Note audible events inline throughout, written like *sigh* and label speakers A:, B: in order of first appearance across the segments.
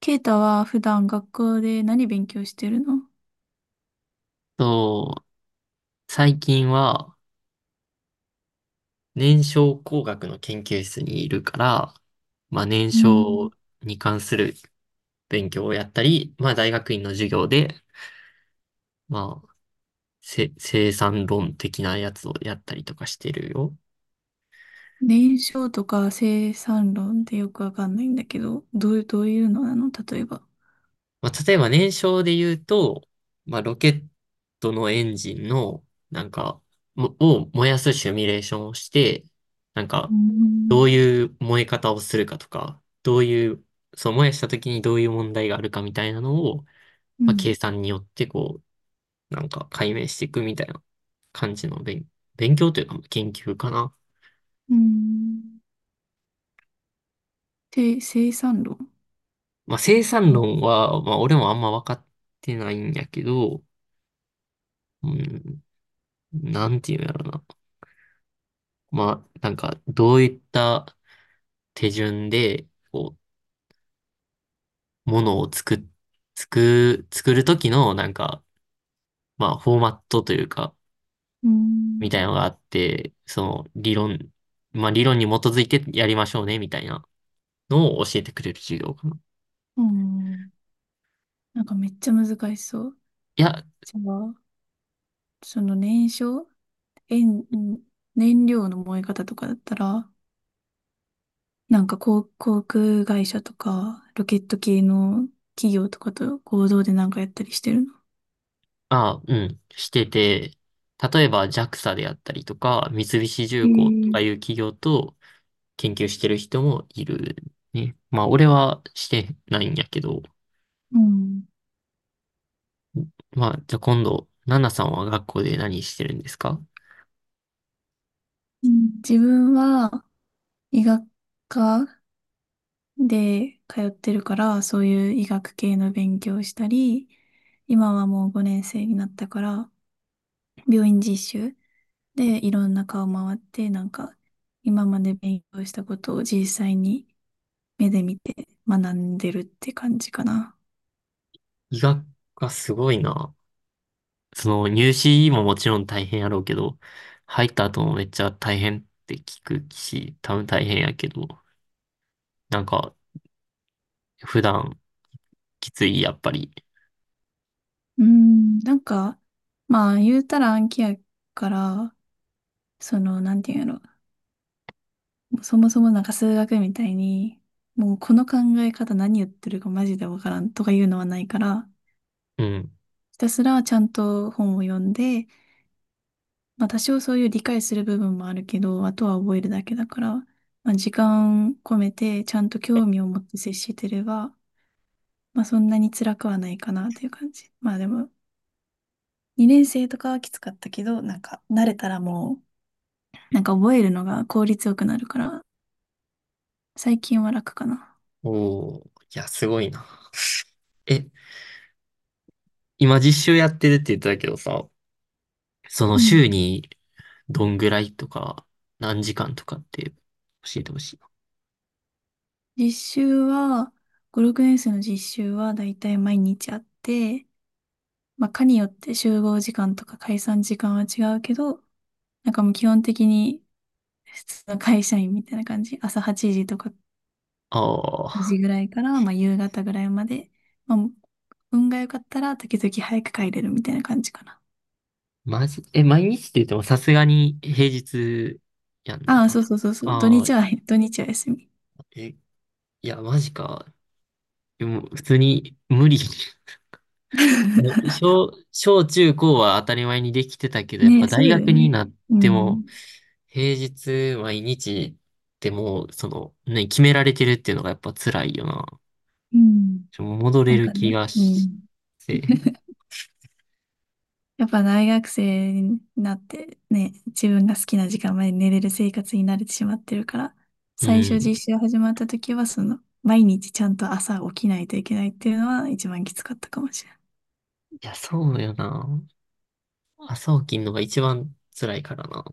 A: ケイタは普段学校で何勉強してるの？
B: そう、最近は燃焼工学の研究室にいるから、まあ燃
A: う
B: 焼
A: ん、
B: に関する勉強をやったり、まあ大学院の授業で、まあ生産論的なやつをやったりとかしてるよ。
A: 燃焼とか生産論ってよくわかんないんだけど、どういうのなの、例えば。
B: まあ、例えば燃焼で言うと、まあ、ロケットのエンジンの、なんか、もを燃やすシミュレーションをして、なん
A: う
B: か、ど
A: ん。
B: ういう燃え方をするかとか、どういう、そう燃やした時にどういう問題があるかみたいなのを、
A: う
B: まあ、
A: ん。
B: 計算によってこう、なんか解明していくみたいな感じの勉強というか研究かな。
A: うん。て生産論。
B: まあ、生産論は、まあ、俺もあんま分かってないんやけど、うん、なんていうんやろな。まあ、なんか、どういった手順で、こう、ものを作っ、作、作るときの、なんか、まあ、フォーマットというか、
A: う
B: み
A: ん。
B: たいなのがあって、その、理論、まあ、理論に基づいてやりましょうね、みたいなのを教えてくれる授業かな。
A: うん。なんかめっちゃ難しそう。
B: いや、
A: じゃあ、その燃焼、えん燃料の燃え方とかだったら、なんか航空会社とか、ロケット系の企業とかと合同でなんかやったりしてるの？
B: あ、うん、してて、例えば JAXA であったりとか、三菱
A: へ
B: 重工と
A: え。
B: かいう企業と研究してる人もいるね。まあ、俺はしてないんやけど、
A: うん。
B: まあ、じゃあ今度、ナナさんは学校で何してるんですか？
A: うん、自分は医学科で通ってるから、そういう医学系の勉強をしたり、今はもう5年生になったから、病院実習でいろんな顔回って、なんか今まで勉強したことを実際に目で見て学んでるって感じかな。
B: 医学がすごいな。その入試ももちろん大変やろうけど、入った後もめっちゃ大変って聞くし、多分大変やけど、なんか普段きつい、やっぱり。
A: うーん、なんか、まあ、言うたら暗記やから、その、なんていうんやろ。そもそもなんか数学みたいに、もうこの考え方何言ってるかマジでわからんとかいうのはないから、
B: うん。
A: ひたすらちゃんと本を読んで、まあ多少そういう理解する部分もあるけど、あとは覚えるだけだから、まあ時間込めてちゃんと興味を持って接してれば、まあそんなに辛くはないかなっていう感じ。まあでも、2年生とかはきつかったけど、なんか慣れたらもう、なんか覚えるのが効率よくなるから、最近は楽かな。
B: おー、いや、すごいな。え、今実習やってるって言ってたけどさ、その
A: うん。
B: 週にどんぐらいとか、何時間とかって教えてほしいな。
A: 実習は、5、6年生の実習はだいたい毎日あって、まあ、科によって集合時間とか解散時間は違うけど、なんかもう基本的に普通の会社員みたいな感じ。朝8時とか、
B: ああ。
A: ぐらいから、まあ、夕方ぐらいまで。まあ、運が良かったら時々早く帰れるみたいな感じかな。
B: マジ、え、毎日って言ってもさすがに平日やん
A: ああ、
B: な。
A: そうそうそうそう。土
B: ああ、
A: 日は、土日は休み。
B: え、いや、マジか。でも、普通に無理。*laughs* もう
A: *laughs*
B: 小中高は当たり前にできてたけど、やっ
A: ね、
B: ぱ
A: そ
B: 大
A: うだよ
B: 学に
A: ね。
B: なっ
A: う
B: ても、
A: ん。
B: 平日毎日でもう、その、ね、決められてるっていうのがやっぱ辛いよな。
A: うん。
B: ちょ戻
A: な
B: れ
A: ん
B: る
A: か
B: 気
A: ね、
B: が
A: う
B: し
A: ん。
B: て。
A: やっぱ大学生になってね、自分が好きな時間まで寝れる生活に慣れてしまってるから、
B: う
A: 最
B: ん。
A: 初
B: い
A: 実習始まった時は、その、毎日ちゃんと朝起きないといけないっていうのは一番きつかったかもしれない。
B: や、そうよな。朝起きんのが一番辛いからな。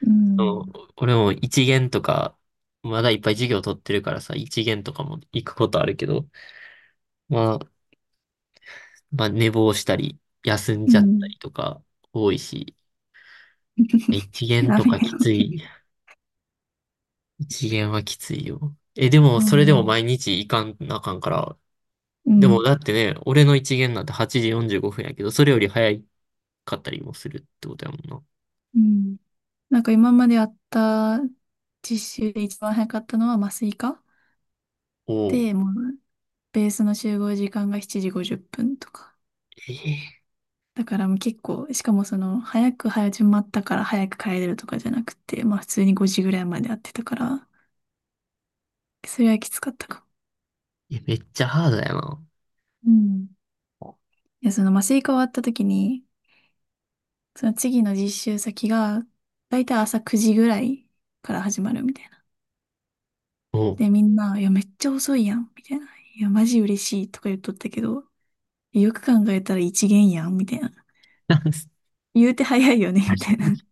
A: う
B: そ
A: ん。
B: う、俺も一限とか、まだいっぱい授業取ってるからさ、一限とかも行くことあるけど、まあ、まあ寝坊したり、休ん
A: う
B: じゃった
A: ん。
B: りとか多いし、一
A: *laughs*
B: 限
A: ダ
B: と
A: メよ。
B: かきつい。一限はきついよ。え、でも、
A: う
B: それでも
A: ん。
B: 毎日行かんなあかんから、
A: う
B: でも
A: ん。
B: だってね、俺の一限なんて8時45分やけど、それより早かったりもするってことやもんな。
A: うん。なんか今までやった実習で一番早かったのは麻酔科
B: おう。
A: で、もうベースの集合時間が7時50分とか。
B: えー
A: だからもう結構、しかもその、早く始まったから早く帰れるとかじゃなくて、まあ普通に5時ぐらいまでやってたから、それはきつかったか
B: えめっちゃハードやな。
A: も。うん。いや、その麻酔科終わった時に、その次の実習先が、だいたい朝9時ぐらいから始まるみたいな。
B: おう。
A: で、みんな、いや、めっちゃ遅いやん、みたいな。いや、マジ嬉しいとか言っとったけど、よく考えたら一限やん、みたいな。
B: *laughs*
A: 言うて早いよね、み
B: 確
A: たい
B: か
A: な。
B: に。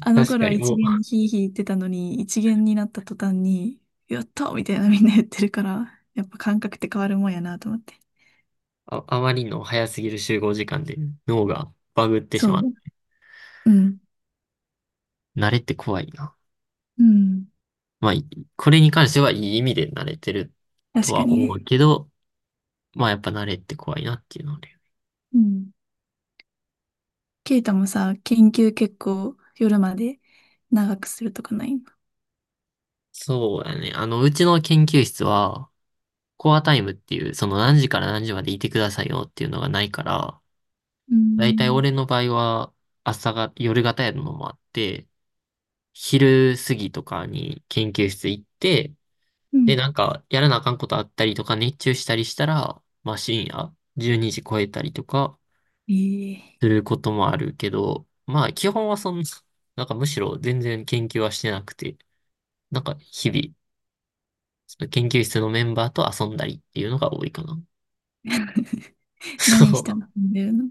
A: あの
B: 確
A: 頃
B: か
A: は
B: に、
A: 一
B: もう、
A: 元でヒーヒー言ってたのに、一元になった途端に、やったみたいなみんな言ってるから、やっぱ感覚って変わるもんやなと思って。
B: あ、あまりの早すぎる集合時間で脳がバグって
A: そ
B: し
A: う
B: まう。
A: ね。うん。
B: 慣れって怖いな。
A: うん。
B: まあ、これに関してはいい意味で慣れてると
A: 確か
B: は
A: に
B: 思う
A: ね。
B: けど、まあやっぱ慣れって怖いなっていうので。
A: うん。ケイタもさ、研究結構夜まで長くするとかないの？
B: そうだね。あの、うちの研究室は、コアタイムっていう、その何時から何時までいてくださいよっていうのがないから、
A: うー
B: だいたい
A: ん。
B: 俺の場合は、朝が、夜型やるのもあって、昼過ぎとかに研究室行って、
A: う
B: で、
A: ん。
B: なんか、やらなあかんことあったりとか、熱中したりしたら、まあ深夜、12時超えたりとか、
A: ええ。
B: することもあるけど、まあ基本はそんな、*laughs* なんかむしろ全然研究はしてなくて、なんか日々、その研究室のメンバーと遊んだりっていうのが多いかな。
A: *laughs*
B: *laughs* そ
A: 何した
B: う。
A: の？飲んでるの？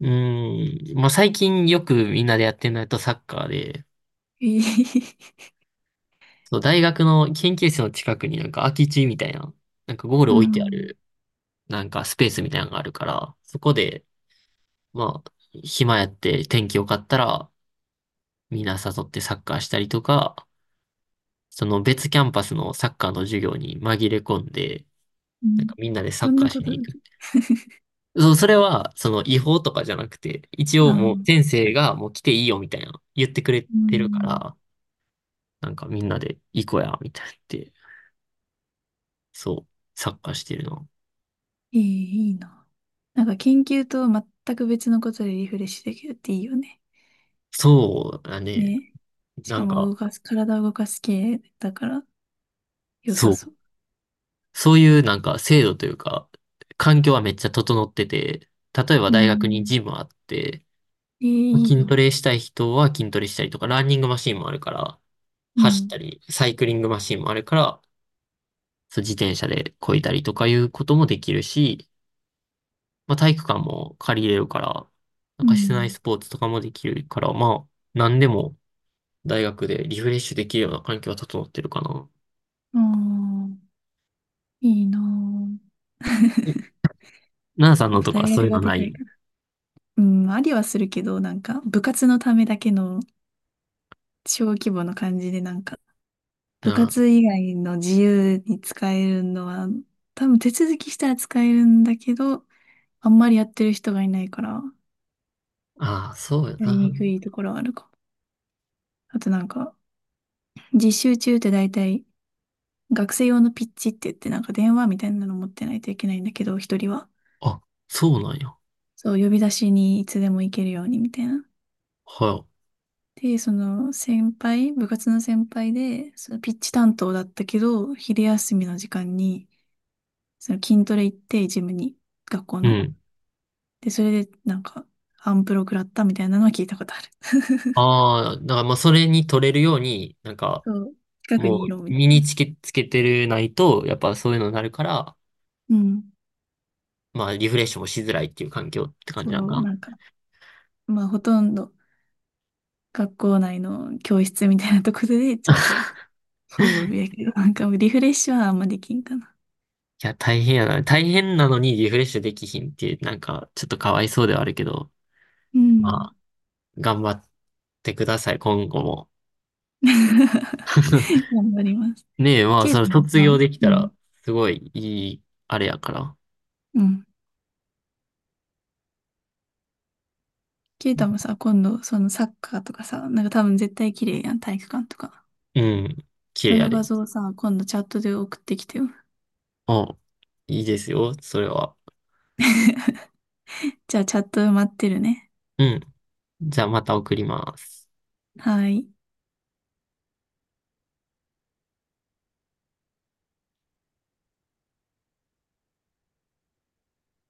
B: うーん。まあ最近よくみんなでやってるのやとサッカーで、
A: ええ。
B: そう、大学の研究室の近くになんか空き地みたいな、なんかゴー
A: う
B: ル置いてあ
A: ん。
B: る、なんかスペースみたいなのがあるから、そこで、まあ、暇やって天気良かったら、みんな誘ってサッカーしたりとか、その別キャンパスのサッカーの授業に紛れ込んで、
A: う
B: なん
A: ん。い
B: かみんなでサ
A: ろ
B: ッ
A: ん
B: カー
A: な
B: し
A: こと
B: に
A: あ
B: 行
A: る。
B: く。そう、それは、その違法とかじゃなくて、一
A: あ
B: 応
A: あ。
B: もう先生がもう来ていいよみたいな言ってくれ
A: う
B: てるか
A: ん。
B: ら、なんかみんなで行こうや、みたいなって、そう、サッカーしてるの。
A: ええ、いいな。なんか研究と全く別のことでリフレッシュできるっていいよね。
B: そうだね。
A: ね。し
B: な
A: か
B: ん
A: も
B: か、
A: 動かす、体を動かす系だから良
B: そ
A: さ
B: う。
A: そう。
B: そういうなんか制度というか、環境はめっちゃ整ってて、例えば
A: う
B: 大学に
A: ん。
B: ジムあって、
A: ええ、いい
B: 筋ト
A: な。
B: レしたい人は筋トレしたりとか、ランニングマシンもあるから、
A: う
B: 走っ
A: ん。
B: たり、サイクリングマシンもあるから、そう自転車で漕いだりとかいうこともできるし、まあ、体育館も借りれるから、なん
A: う
B: か室内
A: ん。
B: スポーツとかもできるから、まあ、何でも大学でリフレッシュできるような環境は整ってるかな。
A: ああ、いいな。
B: ナナさん
A: や
B: の
A: っ
B: と
A: ぱ
B: か
A: 大
B: そうい
A: 学
B: う
A: が
B: の
A: で
B: な
A: かい
B: い？
A: から。うん、ありはするけど、なんか部活のためだけの小規模の感じで、なんか部活以外の自由に使えるのは、多分手続きしたら使えるんだけど、あんまりやってる人がいないから、
B: ああ、そうよ
A: やり
B: な。
A: にくいところはあるかも。あとなんか、実習中って大体、学生用のピッチって言って、なんか電話みたいなの持ってないといけないんだけど、一人は。
B: あ、そうなんや。
A: そう、呼び出しにいつでも行けるようにみたいな。
B: は
A: で、その先輩、部活の先輩で、そのピッチ担当だったけど、昼休みの時間に、その筋トレ行って、ジムに、学校
B: い。う
A: の。
B: ん。
A: で、それで、なんか、アンプロ食らったみたいなのは聞いたことある。
B: ああ、だからまあそれに取れるように、なん
A: *laughs*
B: か
A: そう、近く
B: も
A: にい
B: う
A: ろみた
B: 身
A: い
B: に
A: な。
B: つけ、つけてるないと、やっぱそういうのになるから、
A: うん。
B: まあリフレッシュもしづらいっていう環境って感
A: そ
B: じなんか
A: う、
B: な。
A: なんか、まあ、ほとんど学校内の教室みたいなところで、*laughs* ちょっと、そうやけど、なんかリフレッシュはあんまできんかな。
B: いや、大変やな。大変なのにリフレッシュできひんって、なんかちょっとかわいそうではあるけど、
A: うん。
B: まあ頑張ってください、今後も。*laughs*
A: *laughs* 頑張ります。
B: ねえ、まあ
A: ケ
B: そ
A: イ
B: の
A: タも
B: 卒業
A: さ、
B: でき
A: う
B: た
A: ん、
B: ら、すごいいい、あれやから。
A: うん。ケイタもさ、今度、そのサッカーとかさ、なんか多分絶対綺麗やん、体育館とか。
B: うん、綺
A: そ
B: 麗や
A: の画
B: で。
A: 像さ、今度チャットで送ってきてよ。
B: あ、いいですよ、それは。
A: じゃあチャット待ってるね。
B: うん。じゃあまた送ります。
A: はい。